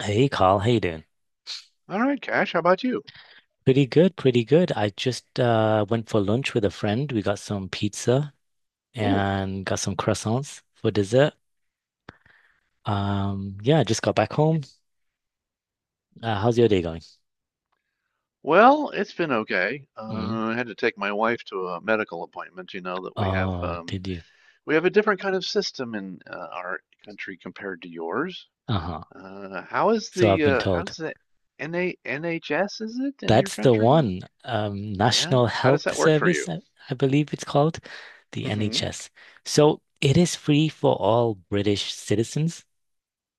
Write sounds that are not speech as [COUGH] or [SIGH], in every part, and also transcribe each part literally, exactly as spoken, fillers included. Hey Carl, how you doing? All right, Cash, how about you? Pretty good, pretty good. I just uh, went for lunch with a friend. We got some pizza Oh, and got some croissants for dessert. Um, yeah, just got back home. Uh, how's your day going? well, it's been okay. Mm. Uh, I had to take my wife to a medical appointment. You know that we have Oh, um, did you? we have a different kind of system in uh, our country compared to yours. Uh-huh. Uh, how is So I've the been uh, how told. does the N a N H S, is it in your That's the country? one. Um, Yeah, National how does Health that work for Service, you? I, I believe it's called, the Mm-hmm. N H S. So it is free for all British citizens.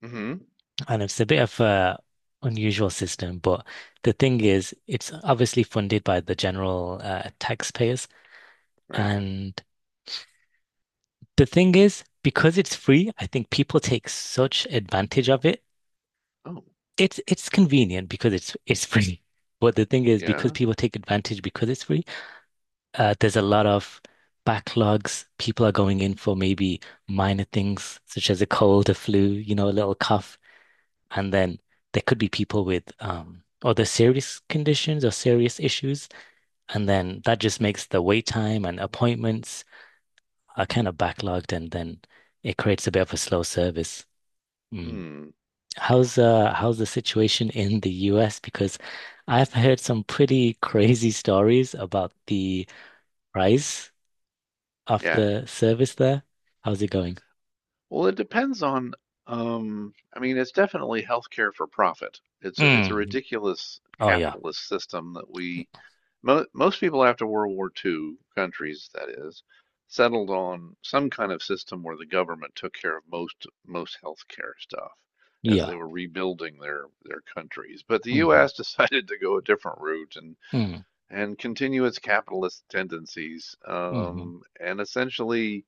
Mm-hmm. And it's a bit of a unusual system, but the thing is, it's obviously funded by the general uh, taxpayers. Right. And the thing is, because it's free, I think people take such advantage of it. Oh, It's it's convenient because it's it's free. [LAUGHS] But the thing is, because yeah. people take advantage because it's free, uh, there's a lot of backlogs. People are going in for maybe minor things such as a cold, a flu, you know, a little cough. And then there could be people with um, other serious conditions or serious issues. And then that just makes the wait time and appointments are kind of backlogged, and then it creates a bit of a slow service. Mm. Hmm. How's uh how's the situation in the U S? Because I've heard some pretty [LAUGHS] crazy stories about the price of Yeah. the service there. How's it going? Well, it depends on, um, I mean, it's definitely healthcare for profit. It's a, it's a Mm. ridiculous Oh yeah. capitalist system. That we, mo most people after World War two, countries that is, settled on some kind of system where the government took care of most most healthcare stuff as Yeah. they were rebuilding their their countries. But the Mm-hmm. U S [LAUGHS] decided to go a different route and Mm. and continue its capitalist tendencies, Mm-hmm. um, and essentially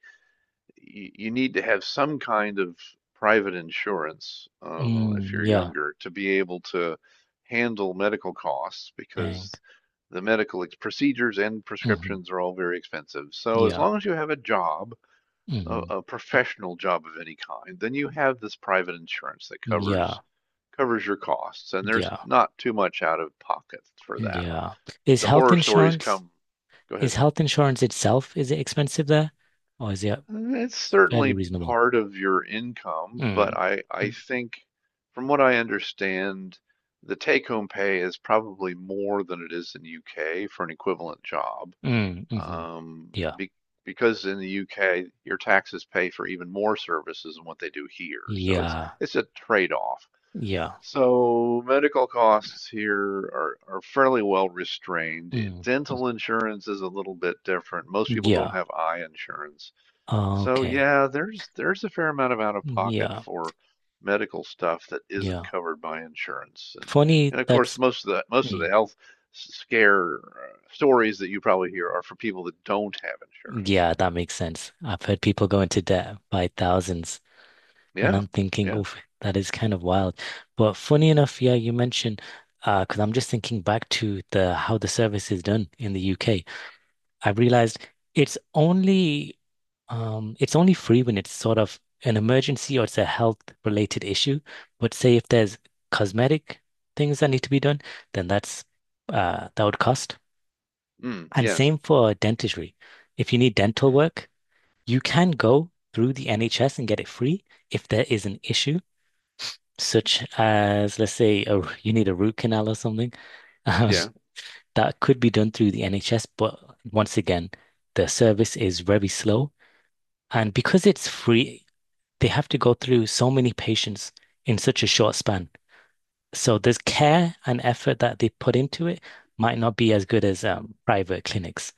you, you need to have some kind of private insurance uh, Mm. if you're Yeah. younger to be able to handle medical costs, Dang. because the medical procedures and Mm-hmm. prescriptions are all very expensive. So as Yeah. long as you have a job, a, Hmm. a professional job of any kind, then you have this private insurance that Yeah. covers covers your costs, and there's Yeah. not too much out of pocket for that. Yeah. Is The health horror stories insurance, come. Go ahead. is health insurance itself, is it expensive there? Or is it It's fairly certainly reasonable? part of your income, Mm. but I I Mm. think from what I understand, the take-home pay is probably more than it is in the U K for an equivalent job. Mm. Hmm. Um, Yeah. be, because in the U K, your taxes pay for even more services than what they do here. So it's Yeah. it's a trade-off. Yeah. So medical costs here are, are fairly well restrained. Mm. Dental insurance is a little bit different. Most people don't Yeah. have eye insurance. So Okay. yeah, there's there's a fair amount of out of pocket Yeah. for medical stuff that isn't Yeah. covered by insurance. And Funny, and of that's course most of the most of the mm. health s- scare uh, stories that you probably hear are for people that don't have insurance. Yeah, that makes sense. I've heard people go into debt by thousands. And Yeah. I'm thinking, Yeah. oh, that is kind of wild. But funny enough, yeah, you mentioned uh, because I'm just thinking back to the how the service is done in the U K. I realized it's only um it's only free when it's sort of an emergency or it's a health related issue. But say if there's cosmetic things that need to be done, then that's uh that would cost. Mm, And yes. same for dentistry. If you need dental Mm, work, you can go through the N H S and get it free if there is an issue such as, let's say, a, you need a root canal or something, [LAUGHS] um, yeah. that could be done through the N H S. But once again, the service is very slow. And because it's free, they have to go through so many patients in such a short span. So there's care and effort that they put into it might not be as good as um, private clinics.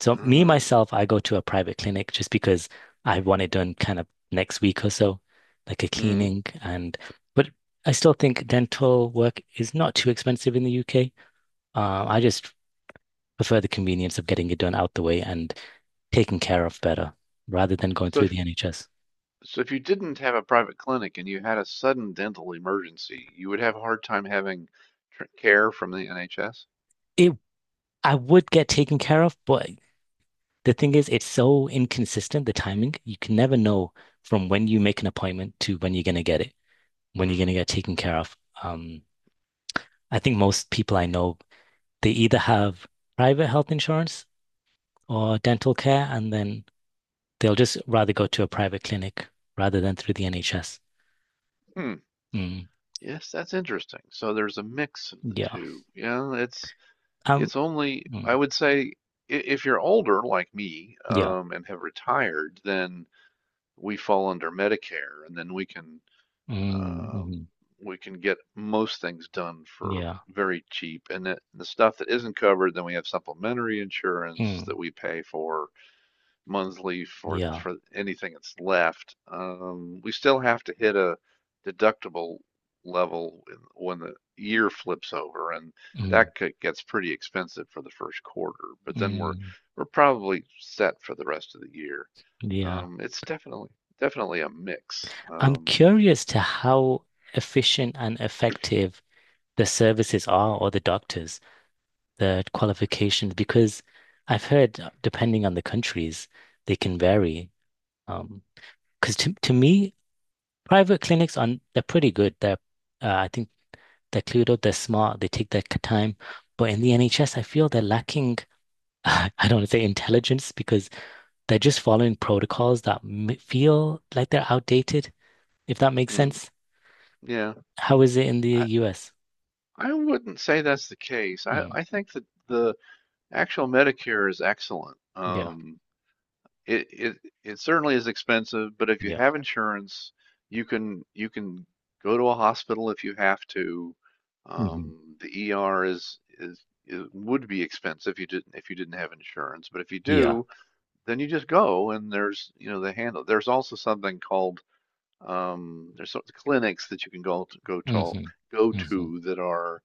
So me, Uh, myself, I go to a private clinic just because I want it done kind of next week or so, like a hmm. cleaning and but I still think dental work is not too expensive in the U K. Uh, I just prefer the convenience of getting it done out the way and taken care of better rather than going So through if the N H S. so if you didn't have a private clinic and you had a sudden dental emergency, you would have a hard time having tr care from the N H S. It I would get taken care of, but the thing is it's so inconsistent, the timing. You can never know from when you make an appointment to when you're gonna get it, when you're gonna Mm-hmm. get taken care of. Um, I think most people I know, they either have private health insurance or dental care, and then they'll just rather go to a private clinic rather than through the N H S. Mm, Yes, that's interesting. So there's a mix of the yeah. two. Yeah, it's Um, it's only, I mm, would say, i- if you're older like me yeah. um, and have retired, then we fall under Medicare, and then we can Mm, um, mhm, we can get most things done for yeah. very cheap. And that, the stuff that isn't covered, then we have supplementary insurance Mm, that we pay for monthly for, yeah. for anything that's left. Um, we still have to hit a deductible level in- when the year flips over, and Mm, that could, gets pretty expensive for the first quarter, but then we're, mm, we're probably set for the rest of the year. yeah. Um, it's definitely, definitely a mix. I'm Um, curious to how efficient and effective the services are or the doctors, the qualifications, because I've heard, uh, depending on the countries, they can vary. Um, Because to, to me, private clinics are they're pretty good. They're uh, I think they're clued up, they're smart, they take their time. But in the N H S, I feel they're lacking, [LAUGHS] I don't want to say intelligence because they're just following protocols that m feel like they're outdated, if that makes hmm, sense. yeah, How is it in the I, U S? I wouldn't say that's the case. I, Mm, I think that the actual Medicare is excellent. yeah, Um, it it it certainly is expensive, but if you yeah, have insurance, you can you can go to a hospital if you have to. hmm Um, the E R is is it would be expensive if you didn't if you didn't have insurance, but if you yeah, do, then you just go and there's, you know they handle. There's also something called, um, there's sort of clinics that you can go to, go hmm to hmm go to that are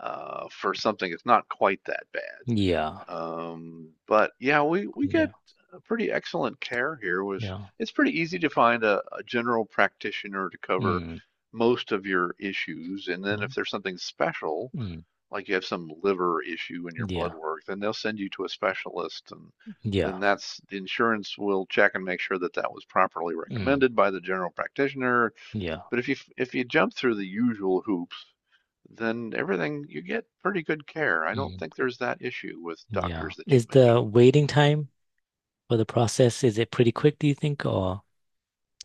uh, for something that's not quite that bad. yeah, Um, but yeah, we we get yeah, a pretty excellent care here. With yeah, it's pretty easy to find a, a general practitioner to cover mm, most of your issues, and then if there's something special, mm, like you have some liver issue in your yeah, blood work, then they'll send you to a specialist, and yeah, then that's the insurance will check and make sure that that was properly mm, recommended by the general practitioner. yeah. But if you if you jump through the usual hoops, then everything, you get pretty good care. I don't Mm. think there's that issue with Yeah. doctors that you Is the mentioned. waiting time for the process, is it pretty quick, do you think, or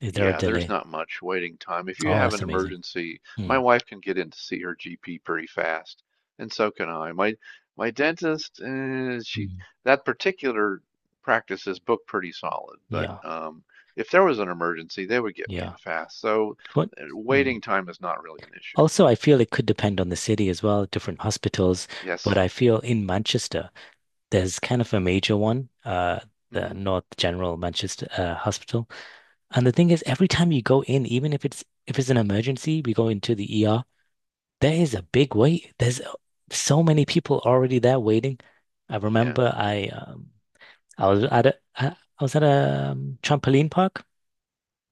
is there a Yeah, there's delay? not much waiting time. If you Oh, have that's an amazing. emergency, my Mm, wife can get in to see her G P pretty fast, and so can I. My my dentist, uh, she mm. that particular practice is booked pretty solid, but Yeah, um, if there was an emergency, they would get me yeah. in fast. So What? uh, waiting Mm. time is not really an issue. Also, I feel it could depend on the city as well, different hospitals, but Yes. I feel in Manchester, there's kind of a major one, uh, the Hmm. North General Manchester uh, Hospital. And the thing is, every time you go in, even if it's if it's an emergency, we go into the E R. There is a big wait. There's uh, so many people already there waiting. I Yeah. remember I um, I was at a I, I was at a um, trampoline park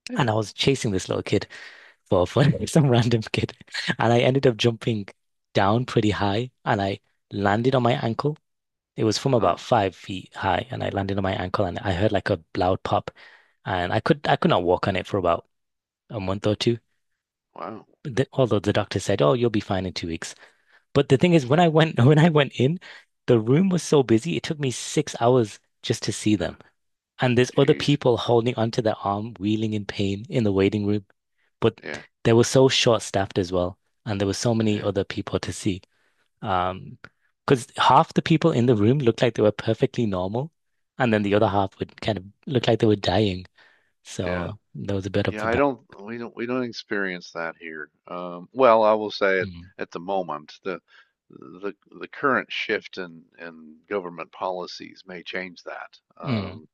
Yeah. and I was chasing this little kid for for [LAUGHS] some random kid, and I ended up jumping down pretty high and I landed on my ankle. It was from about Uh, five feet high, and I landed on my ankle and I heard like a loud pop, and I could I could not walk on it for about a month or two. wow. But the, although the doctor said, "Oh, you'll be fine in two weeks." But the thing is, when I went [LAUGHS] when I went in, the room was so busy, it took me six hours just to see Uh, them. And there's other Jeez. people holding onto their arm, wheeling in pain in the waiting room. But Yeah. they were so short-staffed as well, and there were so many Yeah. other people to see. Um, because half the people in the room looked like they were perfectly normal, and then the Hmm. other half would kind of look like they were dying. Yeah. So there was a bit of Yeah, a I ba- don't we don't we don't experience that here. Um, well, I will say at, Mm. at the moment the the the current shift in in government policies may change that. Mm. Um,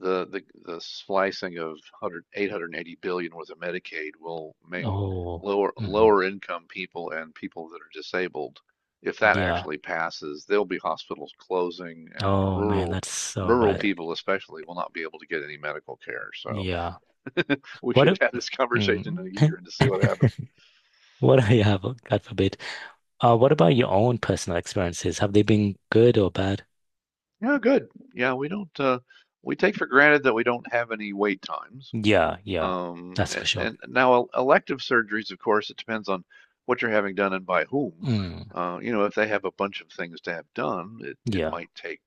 The the the slicing of one hundred eight hundred eighty billion worth of Medicaid will make Oh, lower hmm. lower income people and people that are disabled. If that Yeah. actually passes, there'll be hospitals closing, and Oh man, rural that's so rural bad. people especially will not be able to get any medical care. So Yeah. [LAUGHS] we What should a, have this conversation mm, in a [LAUGHS] year and to see what happened. what I have, God forbid. Uh, what about your own personal experiences? Have they been good or bad? Yeah, good. Yeah, we don't uh, we take for granted that we don't have any wait times. Yeah, yeah, Um, that's for and, sure. and now elective surgeries, of course, it depends on what you're having done and by whom. Mm, Uh, you know, if they have a bunch of things to have done, it, it yeah, might take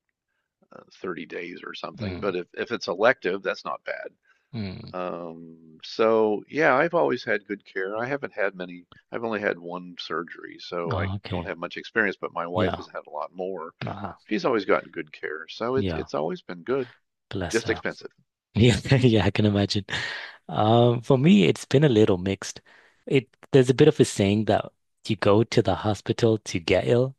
uh, thirty days or something. mm, But if, if it's elective, that's not bad. mm. Um, so yeah, I've always had good care. I haven't had many, I've only had one surgery, so I Oh, don't okay, have much experience, but my wife yeah, has had a lot more. uh, She's always gotten good care, so it's yeah, it's always been good, bless just her. [LAUGHS] expensive. Yeah, yeah, I can imagine. Um, for me, it's been a little mixed. It there's a bit of a saying that you go to the hospital to get ill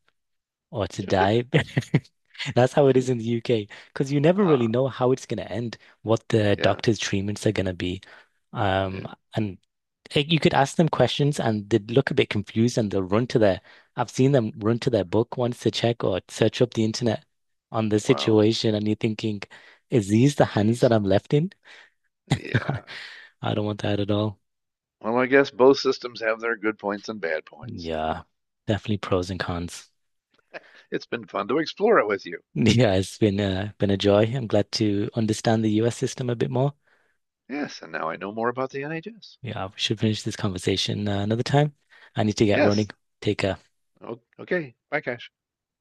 or to die. [LAUGHS] That's how it Hmm. is in the U K because you never really Ah, know how it's going to end, what the yeah, doctor's treatments are going to be. yeah. Um, and eh, you could ask them questions and they'd look a bit confused and they'll run to their, I've seen them run to their book once to check or search up the internet on the Wow. situation. And you're thinking, is these the hands that Jeez. I'm left in? Yeah. I don't want that at all. Well, I guess both systems have their good points and bad points. Yeah, definitely pros and cons. [LAUGHS] It's been fun to explore it with you. [LAUGHS] Yeah, it's been uh, been a joy. I'm glad to understand the U S system a bit more. Yes, and now I know more about the N H S. Yeah, we should finish this conversation uh, another time. I need to get Yes. running, take a O- Okay. Bye, Cash.